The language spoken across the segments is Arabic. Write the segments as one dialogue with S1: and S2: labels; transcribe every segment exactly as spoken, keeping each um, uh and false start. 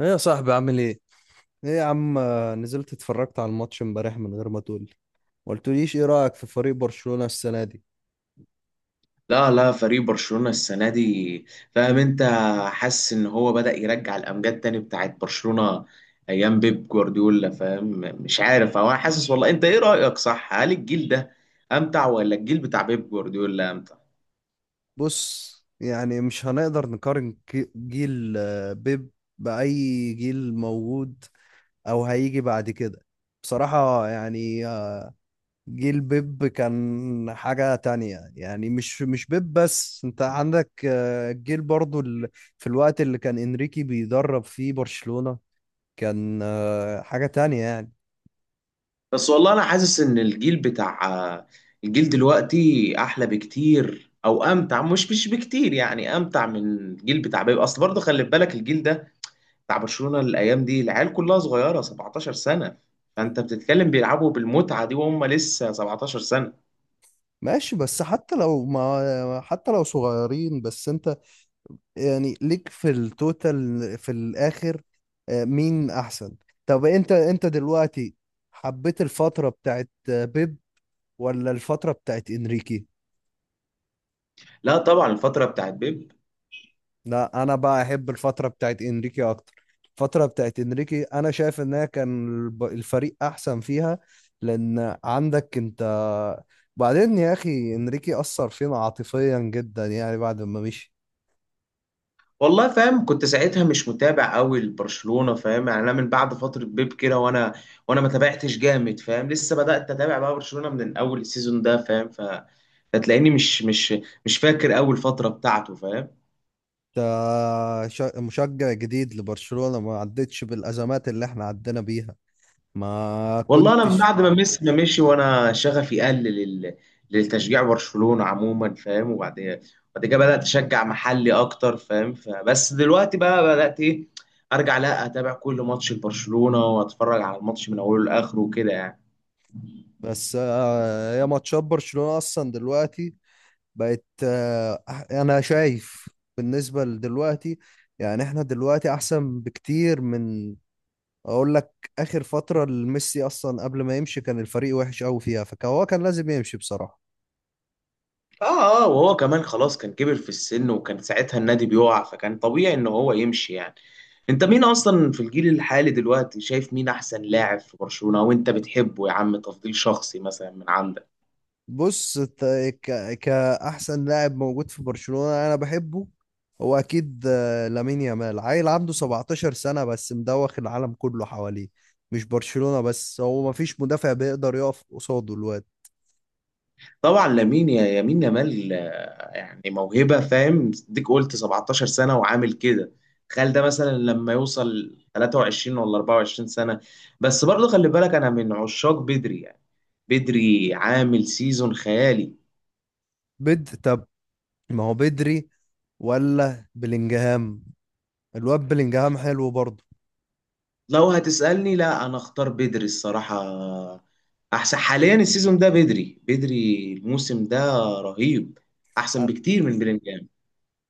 S1: ايه يا صاحبي عامل ايه؟ ايه يا عم، آه، نزلت اتفرجت على الماتش امبارح من غير ما تقولي. ما قلتليش، ايه رأيك في فريق برشلونة السنة دي؟
S2: لا لا، فريق برشلونة السنة دي، فاهم انت، حاسس ان هو بدأ يرجع الامجاد تاني بتاعت برشلونة ايام بيب جوارديولا. فاهم؟ مش عارف هو، أنا حاسس والله. انت ايه رأيك؟ صح، هل الجيل ده امتع ولا الجيل بتاع بيب جوارديولا امتع؟
S1: بص، يعني مش هنقدر نقارن ك- جيل آه، بيب بأي جيل موجود او هيجي بعد كده. بصراحة يعني، آه، جيل بيب كان حاجة تانية. يعني مش مش بيب بس، انت عندك آه، جيل برضو ال- في الوقت اللي كان انريكي بيدرب فيه برشلونة كان آه، حاجة تانية يعني.
S2: بس والله انا حاسس ان الجيل بتاع الجيل دلوقتي احلى بكتير او امتع، مش مش بكتير يعني، امتع من الجيل بتاع بيب. اصل برضه خلي بالك الجيل ده بتاع برشلونة الايام دي العيال كلها صغيرة سبعتاشر سنة. فانت بتتكلم بيلعبوا بالمتعة دي وهم لسه سبعتاشر سنة.
S1: ماشي، بس حتى لو ما حتى لو صغيرين، بس انت يعني ليك في التوتال في الاخر آه، مين احسن. طب انت انت دلوقتي حبيت الفترة بتاعت آه، بيب ولا الفترة بتاعت انريكي؟
S2: لا طبعا الفترة بتاعت بيب.
S1: لا انا بقى احب الفترة بتاعت انريكي اكتر. الفترة بتاعت انريكي انا شايف انها كان الب- الفريق احسن فيها، لان عندك انت. بعدين يا اخي انريكي اثر فينا عاطفيا جدا يعني بعد ما مشي.
S2: والله فاهم، كنت ساعتها مش متابع قوي لبرشلونة، فاهم يعني. انا من بعد فترة بيب كده وانا وانا ما تابعتش جامد، فاهم. لسه بدأت اتابع بقى برشلونة من اول السيزون ده، فاهم. ف فتلاقيني مش مش مش فاكر اول فترة بتاعته، فاهم.
S1: ده شا- مشجع جديد لبرشلونة ما عدتش بالأزمات اللي احنا عدينا بيها، ما
S2: والله انا من
S1: كنتش.
S2: بعد ما ميسي ما مشي وانا شغفي قل لل... للتشجيع برشلونة عموما، فاهم. وبعد بعد كده بدات اشجع محلي اكتر، فاهم. فبس دلوقتي بقى بدات ايه، ارجع لا اتابع كل ماتش لبرشلونة واتفرج على الماتش من اوله لاخره وكده يعني.
S1: بس آه، يا ماتشات برشلونة أصلا دلوقتي بقت آه، أح- أنا شايف بالنسبة لدلوقتي، يعني احنا دلوقتي أحسن بكتير من، أقول لك، آخر فترة لميسي. أصلا قبل ما يمشي كان الفريق وحش أوي فيها، فهو كان لازم يمشي بصراحة.
S2: اه اه، وهو كمان خلاص كان كبر في السن وكان ساعتها النادي بيقع، فكان طبيعي ان هو يمشي يعني. انت مين اصلا في الجيل الحالي دلوقتي شايف مين احسن لاعب في برشلونة وانت بتحبه، يا عم؟ تفضيل شخصي مثلا من عندك.
S1: بص، ت- ك... كأحسن لاعب موجود في برشلونة أنا بحبه، هو أكيد آه، لامين يامال. عيل عنده سبعتاشر سنة بس مدوخ العالم كله حواليه، مش برشلونة بس. هو مفيش مدافع بيقدر يقف قصاده الواد.
S2: طبعا لامين يا يمين يامال، آه، يعني موهبه فاهم. ديك قلت سبعتاشر سنه وعامل كده، تخيل ده مثلا لما يوصل تلاتة وعشرين ولا أربعة وعشرين سنه. بس برضه خلي بالك انا من عشاق بدري يعني. بدري عامل سيزون خيالي.
S1: بد طب ما هو بدري ولا بلينجهام؟ الواد بلينجهام حلو برضه.
S2: لو هتسألني، لا، انا اختار بدري الصراحه. احسن حاليا السيزون ده، بدري بدري الموسم ده رهيب. احسن بكتير من بلينجهام.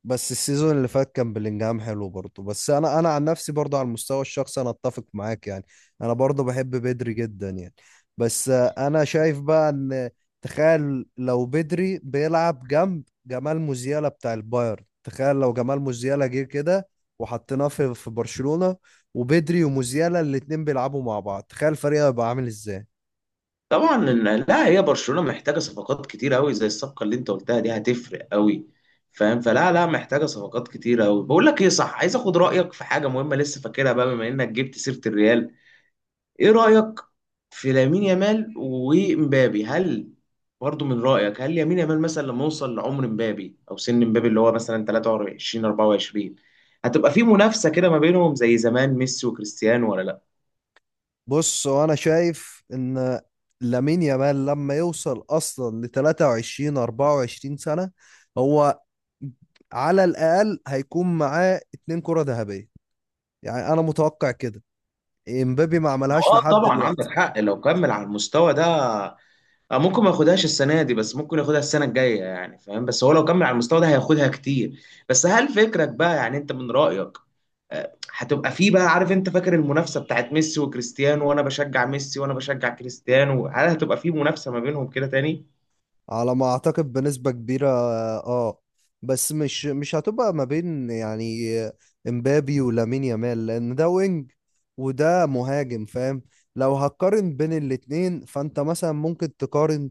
S1: بس السيزون اللي فات كان بلينجهام حلو برضه، بس انا انا عن نفسي برضه على المستوى الشخصي انا اتفق معاك يعني، انا برضه بحب بدري جدا يعني. بس آه، انا شايف بقى ان، تخيل لو بدري بيلعب جنب جمال موزيالا بتاع البايرن، تخيل لو جمال موزيالا جه كده وحطيناه في في برشلونة، وبدري وموزيالا الاتنين بيلعبوا مع بعض، تخيل الفريق هيبقى عامل ازاي.
S2: طبعا إن- لا، هي برشلونة محتاجة صفقات كتير قوي، زي الصفقة اللي انت قلتها دي هتفرق قوي، فاهم. فلا لا محتاجة صفقات كتير قوي. بقول لك ايه، صح، عايز اخد رأيك في حاجة مهمة لسه فاكرها بقى، بما انك جبت سيرة الريال. ايه رأيك في لامين يامال ومبابي؟ هل برضو من رأيك هل يمين يامال مثلا لما يوصل لعمر مبابي او سن مبابي اللي هو مثلا تلاتة وعشرين اربعة وعشرين، هتبقى في منافسة كده ما بينهم زي زمان ميسي وكريستيانو ولا لا؟
S1: بص، هو انا شايف ان لامين يامال لما يوصل اصلا ل تلاتة وعشرين اربعة وعشرين سنه، هو على الاقل هيكون معاه اتنين كره ذهبيه، يعني انا متوقع كده. امبابي ما
S2: لو
S1: عملهاش
S2: اه
S1: لحد
S2: طبعا عندك
S1: دلوقتي.
S2: حق، لو كمل على المستوى ده، اه، ممكن ما ياخدهاش السنه دي، بس ممكن ياخدها السنه الجايه يعني فاهم. بس هو لو كمل على المستوى ده هياخدها كتير. بس هل فكرك بقى، يعني انت من رايك آه، هتبقى فيه، بقى عارف انت فاكر المنافسه بتاعت ميسي وكريستيانو، وانا بشجع ميسي وانا بشجع كريستيانو، هل هتبقى فيه منافسه ما بينهم كده تاني؟
S1: على ما اعتقد بنسبه كبيره، اه، بس مش مش هتبقى ما بين يعني امبابي ولامين يامال، لان ده وينج وده مهاجم، فاهم. لو هتقارن بين الاتنين فانت مثلا ممكن تقارن،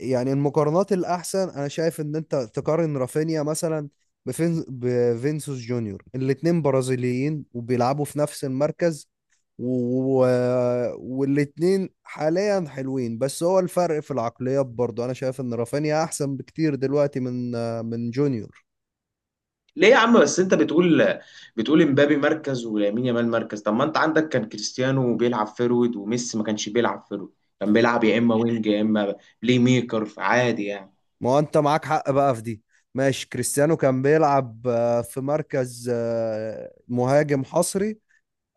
S1: يعني المقارنات الأحسن أنا شايف إن أنت تقارن رافينيا مثلا بفين بفينسوس جونيور. الاتنين برازيليين وبيلعبوا في نفس المركز، و... والاتنين حاليا حلوين، بس هو الفرق في العقليات برضو. أنا شايف إن رافينيا أحسن بكتير دلوقتي من من جونيور.
S2: ليه يا عم؟ بس انت بتقول بتقول امبابي مركز ولامين يامال مركز. طب ما انت عندك كان كريستيانو بيلعب فيرود وميسي ما كانش بيلعب فيرود، كان بيلعب يا اما وينج يا اما بلاي ميكر عادي يعني.
S1: ما هو أنت معاك حق بقى في دي. ماشي، كريستيانو كان بيلعب آه، في مركز آه، مهاجم حصري،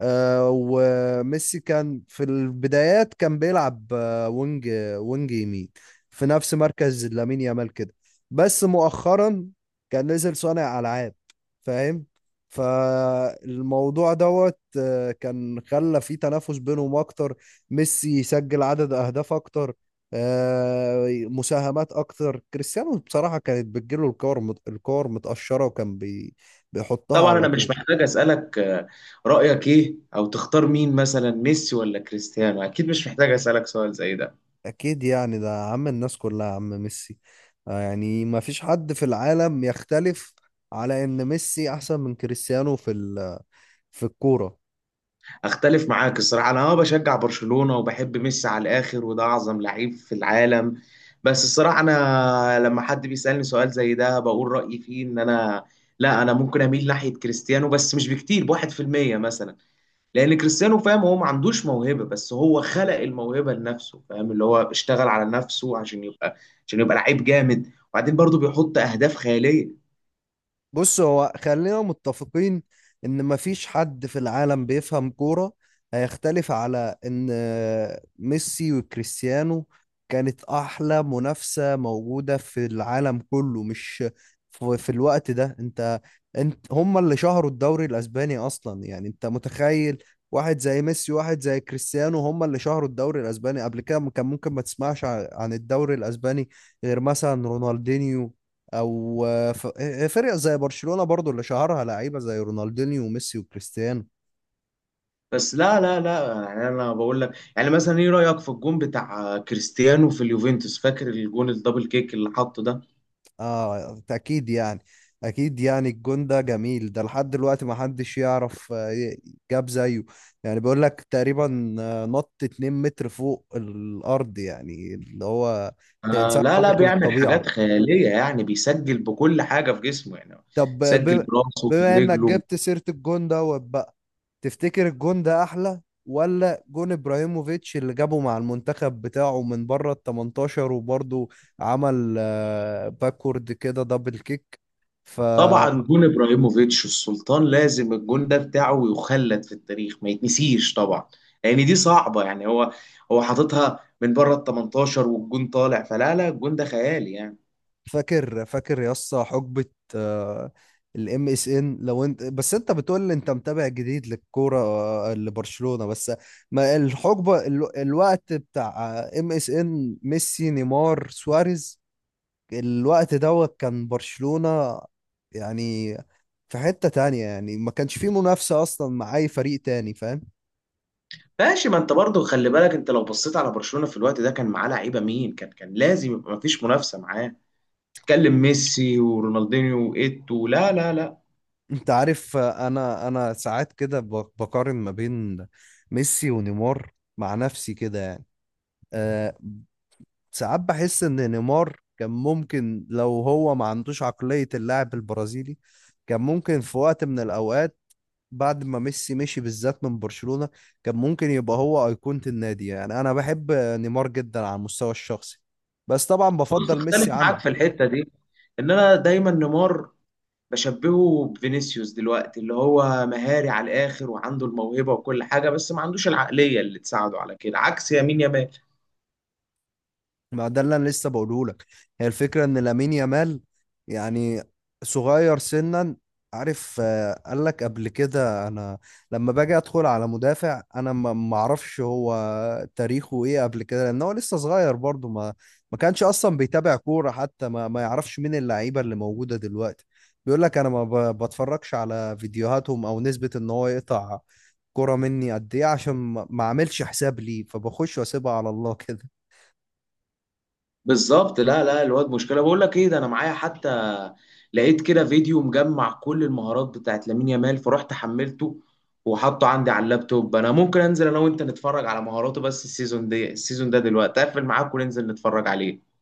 S1: آه، وميسي كان في البدايات كان بيلعب آه، وينج، وينج يمين، في نفس مركز لامين يامال كده. بس مؤخرا كان نزل صانع ألعاب، فاهم. فالموضوع دوت آه، كان خلى في تنافس بينهم أكتر. ميسي يسجل عدد أهداف أكتر، آه، مساهمات أكتر. كريستيانو بصراحة كانت بتجيله الكور مت- الكور متقشرة وكان بي بيحطها
S2: طبعا
S1: على
S2: انا
S1: طول.
S2: مش محتاج اسالك، آه، رايك ايه او تختار مين مثلا ميسي ولا كريستيانو، اكيد مش محتاج اسالك سؤال زي ده.
S1: اكيد يعني، ده عم الناس كلها، عم ميسي. آه يعني ما فيش حد في العالم يختلف على ان ميسي احسن من كريستيانو في ال- في الكورة.
S2: اختلف معاك الصراحه. انا اه بشجع برشلونه وبحب ميسي على الاخر، وده اعظم لعيب في العالم. بس الصراحه انا لما حد بيسالني سؤال زي ده بقول رايي فيه ان انا، لا انا ممكن اميل ناحيه كريستيانو، بس مش بكتير، بواحد في المية مثلا. لان كريستيانو، فاهم، هو ما عندوش موهبه بس هو خلق الموهبه لنفسه، فاهم. اللي هو اشتغل على نفسه عشان يبقى عشان يبقى لعيب جامد، وبعدين برضه بيحط اهداف خياليه.
S1: بص، هو خلينا متفقين، ان ما فيش حد في العالم بيفهم كورة هيختلف على ان آه، ميسي وكريستيانو كانت احلى منافسة موجودة في العالم كله. مش في في الوقت ده انت انت هم اللي شهروا الدوري الاسباني اصلا يعني. انت متخيل، واحد زي ميسي واحد زي كريستيانو هم اللي شهروا الدوري الاسباني؟ قبل كده م- كان ممكن ما تسمعش ع- عن الدوري الاسباني غير مثلا رونالدينيو، او آه، ف- فرق زي برشلونة برضو اللي شهرها لعيبة زي رونالدينيو وميسي وكريستيانو.
S2: بس لا لا لا، يعني انا بقول لك، يعني مثلا ايه رايك في الجون بتاع كريستيانو في اليوفنتوس؟ فاكر الجون الدبل كيك اللي حطه ده؟
S1: اه اكيد يعني، اكيد يعني الجون ده جميل، ده لحد دلوقتي ما حدش يعرف آه، ي- جاب زيه. يعني بيقول لك تقريبا آه، نط اتنين متر فوق الارض، يعني اللي هو ده
S2: آه
S1: انسان
S2: لا لا،
S1: خارق
S2: بيعمل
S1: للطبيعة.
S2: حاجات خياليه يعني، بيسجل بكل حاجه في جسمه يعني،
S1: طب
S2: سجل
S1: ب-
S2: براسه
S1: بما انك
S2: برجله.
S1: جبت سيرة الجون دوت بقى، تفتكر الجون ده احلى ولا جون ابراهيموفيتش اللي جابه مع المنتخب بتاعه من بره ال التمنتاشر وبرضه عمل باكورد كده دبل كيك؟
S2: طبعا جون ابراهيموفيتش السلطان، لازم الجون ده بتاعه يخلد في التاريخ، ما يتنسيش طبعا. لان دي صعبه يعني، هو هو حاططها من بره ال تمنتاشر والجون طالع. فلا لا الجون ده خيالي يعني.
S1: فاكر فاكر يا اسطى حقبة الام اس ان؟ لو انت بس انت بتقول لي انت متابع جديد للكورة آه، لبرشلونة بس. ما الحقبة ال- الوقت بتاع ام اس ان، ميسي نيمار سواريز، الوقت دوت كان برشلونة يعني في حتة تانية يعني. ما كانش فيه منافسة اصلا مع اي فريق تاني، فاهم.
S2: ماشي، ما انت برضه خلي بالك انت لو بصيت على برشلونه في الوقت ده كان معاه لعيبه مين، كان كان لازم يبقى ما فيش منافسه معاه. تتكلم ميسي ورونالدينيو وايتو. لا لا لا.
S1: انت عارف آه، انا انا ساعات كده ب- بقارن ما بين ميسي ونيمار مع نفسي كده يعني. آه، ساعات بحس ان نيمار كان ممكن، لو هو ما عندوش عقلية اللاعب البرازيلي، كان ممكن في وقت من الاوقات، بعد ما ميسي مشي بالذات من برشلونة، كان ممكن يبقى هو أيقونة النادي. يعني انا بحب نيمار جدا على المستوى الشخصي، بس طبعا
S2: بص،
S1: بفضل
S2: اختلف
S1: ميسي
S2: معاك
S1: عنه.
S2: في الحته دي، ان انا دايما نيمار بشبهه بفينيسيوس دلوقتي، اللي هو مهاري على الاخر وعنده الموهبه وكل حاجه بس ما عندوش العقليه اللي تساعده على كده، عكس يمين يامال.
S1: ما ده اللي انا لسه بقوله لك، هي الفكره ان لامين يامال يعني صغير سنا. عارف، آه، قال لك قبل كده انا لما باجي ادخل على مدافع انا ما ما اعرفش هو تاريخه ايه قبل كده، لان هو لسه صغير برضه. ما ما كانش اصلا بيتابع كوره حتى، ما ما يعرفش مين اللعيبه اللي موجوده دلوقتي. بيقول لك انا ما ب- بتفرجش على فيديوهاتهم، او نسبه ان هو يقطع كوره مني قد ايه عشان ما ما اعملش حساب ليه، فبخش واسيبها على الله كده.
S2: بالظبط، لا لا الواد مشكله. بقول لك ايه، ده انا معايا حتى، لقيت كده فيديو مجمع كل المهارات بتاعت لامين يامال، فرحت حملته وحطه عندي على اللابتوب. انا ممكن انزل انا وانت نتفرج على مهاراته، بس السيزون ده السيزون ده دلوقتي اقفل معاك وننزل نتفرج عليه